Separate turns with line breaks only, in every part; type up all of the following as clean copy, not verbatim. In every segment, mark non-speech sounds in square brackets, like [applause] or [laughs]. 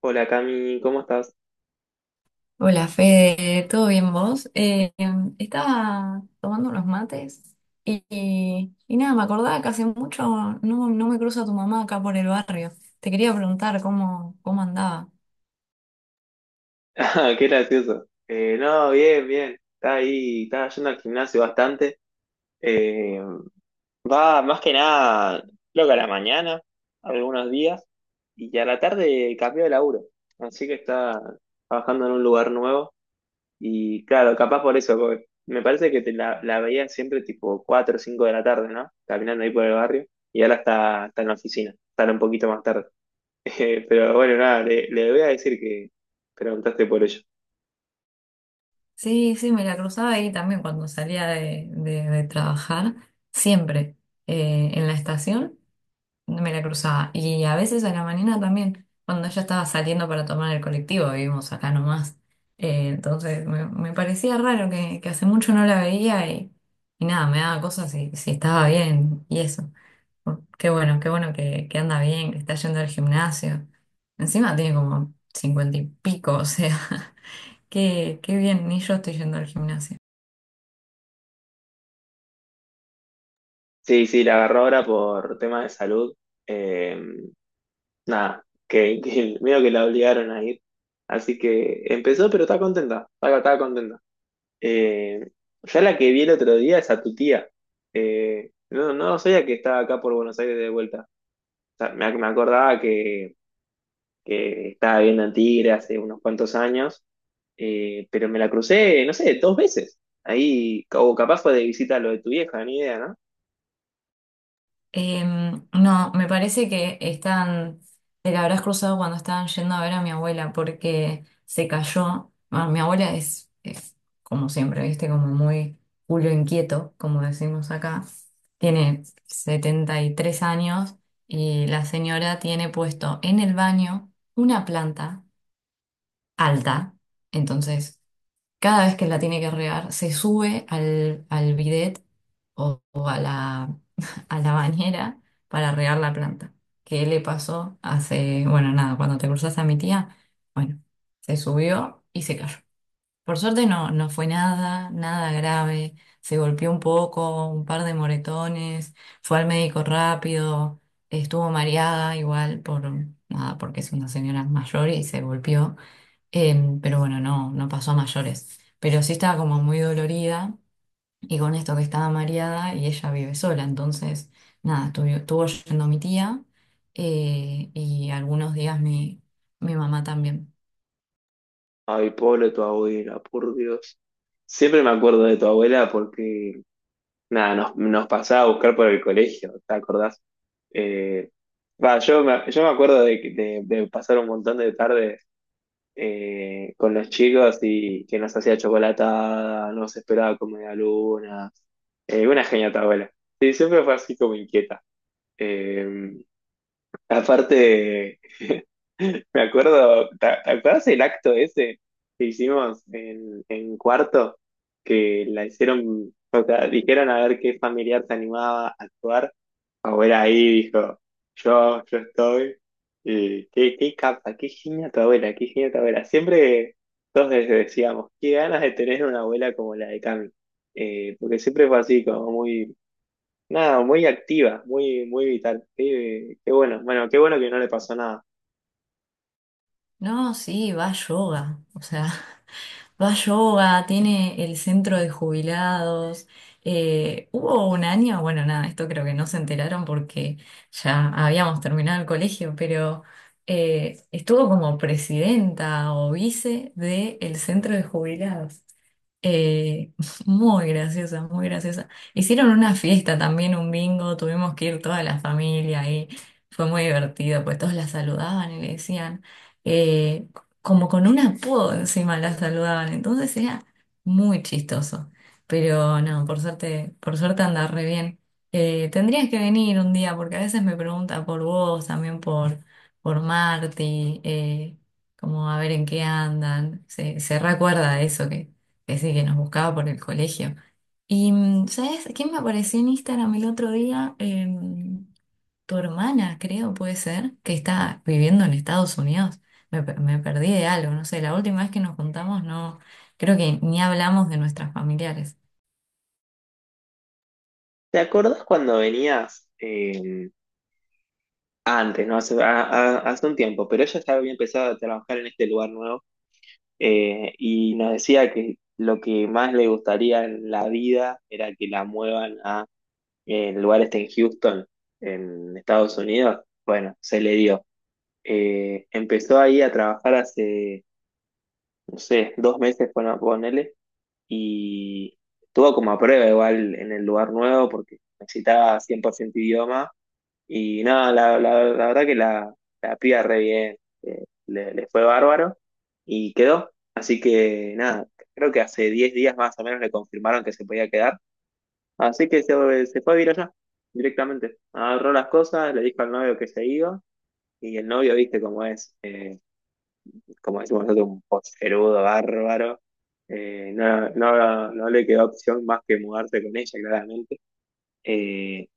Hola Cami, ¿cómo estás? [laughs]
Hola Fede, ¿todo bien vos? Estaba tomando unos mates y, y nada, me acordaba que hace mucho no me cruzo a tu mamá acá por el barrio. Te quería preguntar cómo andaba.
Ah, qué gracioso. No, bien. Está ahí, está yendo al gimnasio bastante. Eh, Va más que nada, creo que a la mañana, algunos días, y a la tarde cambió de laburo. Así que está trabajando en un lugar nuevo. Y claro, capaz por eso, porque me parece que la veía siempre tipo 4 o 5 de la tarde, ¿no? Caminando ahí por el barrio, y ahora está en la oficina, sale un poquito más tarde. [laughs] Pero bueno, nada, le voy a decir que preguntaste por ello.
Sí, sí, me la cruzaba ahí también cuando salía de, de trabajar, siempre en la estación. Me la cruzaba. Y a veces a la mañana también, cuando ella estaba saliendo para tomar el colectivo, vivimos acá nomás. Entonces me parecía raro que hace mucho no la veía y nada, me daba cosas si estaba bien y eso. Oh, qué bueno, qué bueno que anda bien, que está yendo al gimnasio. Encima tiene como cincuenta y pico, o sea, [laughs] qué, qué bien, ni yo estoy yendo al gimnasio.
Sí, sí, la agarró ahora por tema de salud. Eh, Nada, que, [laughs] que medio que la obligaron a ir. Así que empezó, pero está contenta, está contenta. Eh, ya la que vi el otro día es a tu tía. No, no sabía que estaba acá por Buenos Aires de vuelta. O sea, me acordaba que estaba viviendo en Tigre hace unos cuantos años, pero me la crucé, no sé, dos veces. Ahí, o capaz fue de visita a lo de tu vieja, ni idea, ¿no?
No, me parece que están, te la habrás cruzado cuando estaban yendo a ver a mi abuela porque se cayó. Bueno, mi abuela es, como siempre, viste, como muy culo inquieto, como decimos acá. Tiene 73 años y la señora tiene puesto en el baño una planta alta. Entonces, cada vez que la tiene que regar, se sube al bidet o a la, [laughs] a la bañera para regar la planta. ¿Qué le pasó hace, bueno, nada, cuando te cruzaste a mi tía? Bueno, se subió y se cayó. Por suerte no, no fue nada, nada grave. Se golpeó un poco, un par de moretones, fue al médico rápido, estuvo mareada igual por nada, porque es una señora mayor y se golpeó. Pero bueno, no, no pasó a mayores. Pero sí estaba como muy dolorida y con esto que estaba mareada y ella vive sola, entonces, nada, estuvo, estuvo yendo mi tía, y algunos días mi mamá también.
Ay, Polo, tu abuela, por Dios. Siempre me acuerdo de tu abuela porque, nada, nos pasaba a buscar por el colegio, ¿te acordás? Eh, Va, yo me acuerdo de pasar un montón de tardes con los chicos y que nos hacía chocolatada, nos esperaba como media luna. Una genia tu abuela. Sí, siempre fue así como inquieta. Eh, Aparte, me acuerdo, te acuerdas el acto ese que hicimos en cuarto? Que la hicieron, o sea, dijeron a ver qué familiar se animaba a actuar. Abuela ahí dijo, yo estoy. Y qué, qué capa, qué genia tu abuela, qué genia tu abuela. Siempre todos les decíamos, qué ganas de tener una abuela como la de Cami. Porque siempre fue así, como muy... Nada, muy activa, muy vital. Qué, qué bueno, bueno, qué bueno que no le pasó nada.
No, sí, va a yoga, o sea, [laughs] va a yoga, tiene el centro de jubilados. Hubo un año, bueno, nada, esto creo que no se enteraron porque ya habíamos terminado el colegio, pero estuvo como presidenta o vice del centro de jubilados. Eh, [laughs] muy graciosa, muy graciosa. Hicieron una fiesta también, un bingo, tuvimos que ir toda la familia ahí. Fue muy divertido, pues todos la saludaban y le decían, eh, como con un apodo encima la saludaban, entonces era muy chistoso. Pero no, por suerte anda re bien. Tendrías que venir un día, porque a veces me pregunta por vos, también por Marti, como a ver en qué andan. Se recuerda de eso que ese que nos buscaba por el colegio. Y, mm, ¿sabes quién me apareció en Instagram el otro día? Tu hermana, creo, puede ser, que está viviendo en Estados Unidos. Me perdí de algo, no sé, la última vez que nos juntamos no, creo que ni hablamos de nuestras familiares.
¿Te acordás cuando venías antes, no? Hace, hace un tiempo, pero ella ya había empezado a trabajar en este lugar nuevo, y nos decía que lo que más le gustaría en la vida era que la muevan a, el lugar este en Houston, en Estados Unidos. Bueno, se le dio. Empezó ahí a trabajar hace, no sé, 2 meses, bueno, ponele, y estuvo como a prueba igual en el lugar nuevo porque necesitaba 100% idioma y nada, la verdad que la piba re bien, le fue bárbaro y quedó. Así que nada, creo que hace 10 días más o menos le confirmaron que se podía quedar. Así que se fue a vivir allá directamente. Agarró las cosas, le dijo al novio que se iba y el novio, viste cómo es. Como decimos nosotros, un poserudo bárbaro. No, no le quedó opción más que mudarse con ella, claramente. Eh,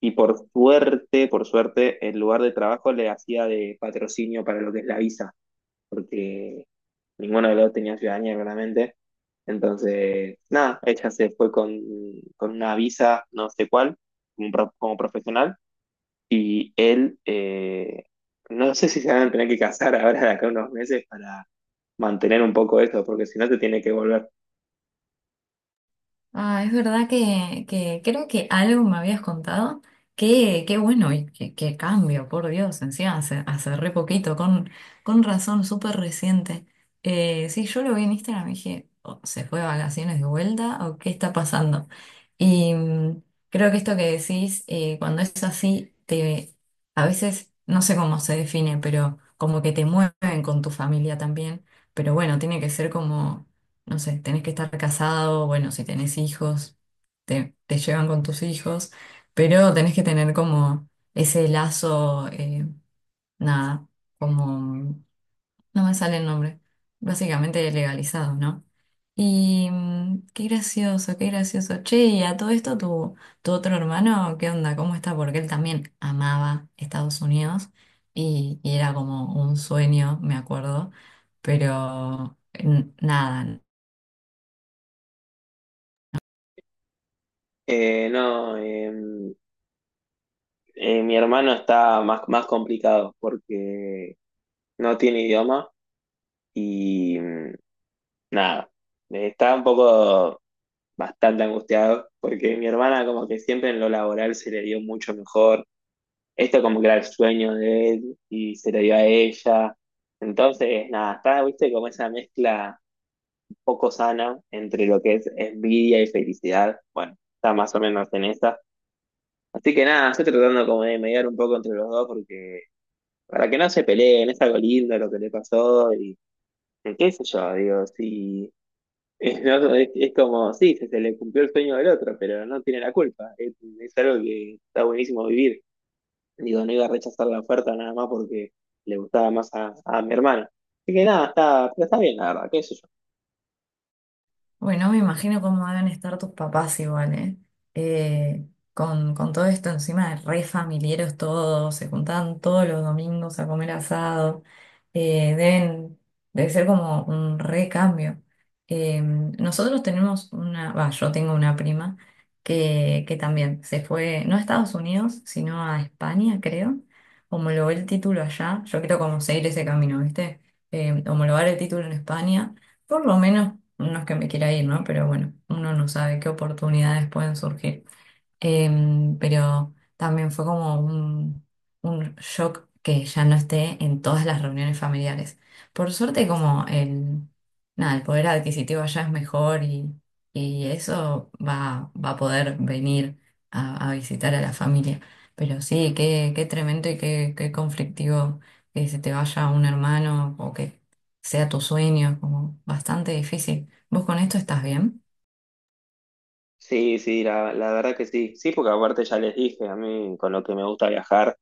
y por suerte, el lugar de trabajo le hacía de patrocinio para lo que es la visa, porque ninguno de los dos tenía ciudadanía, claramente. Entonces, nada, ella se fue con una visa, no sé cuál, como, como profesional, y él, no sé si se van a tener que casar ahora de acá a unos meses para mantener un poco eso, porque si no te tiene que volver.
Ah, es verdad que creo que algo me habías contado. Qué, qué bueno y qué, qué cambio, por Dios, encima hace, hace re poquito, con razón, súper reciente. Sí, yo lo vi en Instagram y dije, "Oh, ¿se fue de vacaciones de vuelta o qué está pasando? Y mm, creo que esto que decís, cuando es así, te, a veces, no sé cómo se define, pero como que te mueven con tu familia también. Pero bueno, tiene que ser como no sé, tenés que estar casado, bueno, si tenés hijos, te llevan con tus hijos, pero tenés que tener como ese lazo, nada, como, no me sale el nombre, básicamente legalizado, ¿no? Y mm, qué gracioso, qué gracioso. Che, y a todo esto, tu otro hermano, ¿qué onda? ¿Cómo está? Porque él también amaba Estados Unidos y era como un sueño, me acuerdo, pero nada.
No, mi hermano está más, más complicado porque no tiene idioma y nada, está un poco bastante angustiado porque mi hermana como que siempre en lo laboral se le dio mucho mejor. Esto como que era el sueño de él y se le dio a ella. Entonces, nada, está, viste, como esa mezcla un poco sana entre lo que es envidia y felicidad. Bueno, está más o menos en esa. Así que nada, estoy tratando como de mediar un poco entre los dos porque para que no se peleen, es algo lindo lo que le pasó y qué sé yo, digo, sí, es, no, es como, sí, se le cumplió el sueño del otro, pero no tiene la culpa, es algo que está buenísimo vivir. Digo, no iba a rechazar la oferta nada más porque le gustaba más a mi hermana. Así que nada, está, pero está bien, la verdad, qué sé yo.
Bueno, me imagino cómo deben estar tus papás igual, ¿eh? Eh, con todo esto encima de re familiares todos, se juntaban todos los domingos a comer asado, eh, debe ser como un re cambio. Nosotros tenemos una, va, yo tengo una prima que también se fue, no a Estados Unidos, sino a España, creo, homologó el título allá, yo quiero como seguir ese camino, ¿viste? Homologar el título en España por lo menos, no es que me quiera ir, ¿no? Pero bueno, uno no sabe qué oportunidades pueden surgir. Pero también fue como un shock que ya no esté en todas las reuniones familiares. Por suerte, como nada, el poder adquisitivo allá es mejor y eso va a poder venir a visitar a la familia. Pero sí, qué, qué tremendo y qué, qué conflictivo que se te vaya un hermano o que sea tu sueño, como bastante difícil. ¿Vos con esto estás bien?
Sí, sí, la verdad que sí. Sí, porque aparte ya les dije, a mí con lo que me gusta viajar.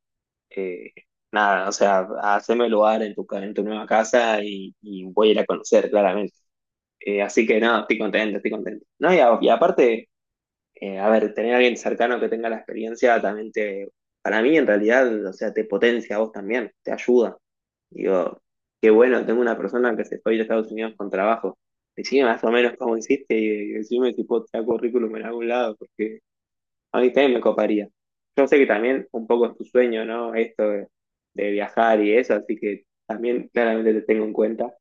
eh, Nada, o sea, haceme lugar en tu, en tu nueva casa y voy a ir a conocer, claramente. Así que no, estoy contento, estoy contento. No, y aparte, a ver, tener a alguien cercano que tenga la experiencia también te... Para mí en realidad, o sea, te potencia a vos también, te ayuda. Digo, qué bueno, tengo una persona que se fue a ir a Estados Unidos con trabajo. Decime más o menos cómo hiciste y decime si puedo traer currículum en algún lado, a mí también me coparía. Yo sé que también un poco es tu sueño, ¿no? Esto de viajar y eso, así que también claramente te tengo en cuenta,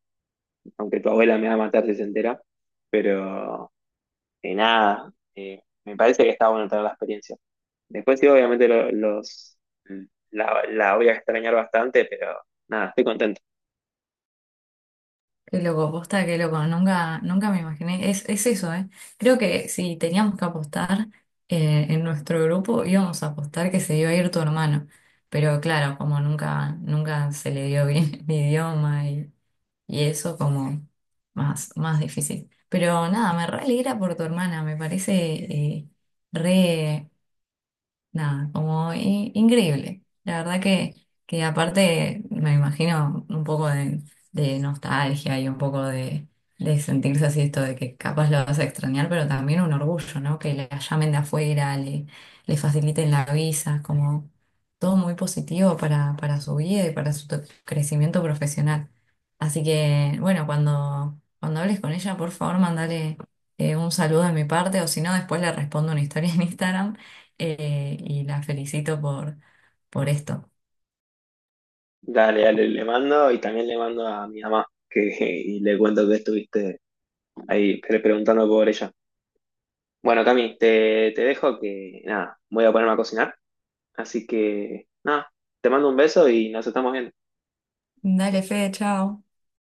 aunque tu abuela me va a matar si se entera, pero nada, me parece que está bueno tener la experiencia. Después sí, obviamente la voy a extrañar bastante, pero nada, estoy contento.
Qué loco, posta, qué loco. Nunca, nunca me imaginé. Es eso, ¿eh? Creo que si teníamos que apostar en nuestro grupo, íbamos a apostar que se iba a ir tu hermano. Pero claro, como nunca, nunca se le dio bien [laughs] el idioma y eso, como más, más difícil. Pero nada, me re alegra por tu hermana. Me parece re nada, como increíble. La verdad que aparte me imagino un poco de nostalgia y un poco de sentirse así esto de que capaz lo vas a extrañar, pero también un orgullo, ¿no? Que la llamen de afuera, le faciliten la visa, como todo muy positivo para su vida y para su crecimiento profesional. Así que, bueno, cuando hables con ella, por favor, mandale un saludo de mi parte, o si no, después le respondo una historia en Instagram y la felicito por esto.
Dale, dale, le mando y también le mando a mi mamá que, [laughs] y le cuento que estuviste ahí preguntando por ella. Bueno, Cami, te dejo que nada, voy a ponerme a cocinar. Así que nada, te mando un beso y nos estamos viendo.
Dale, Fede, chao.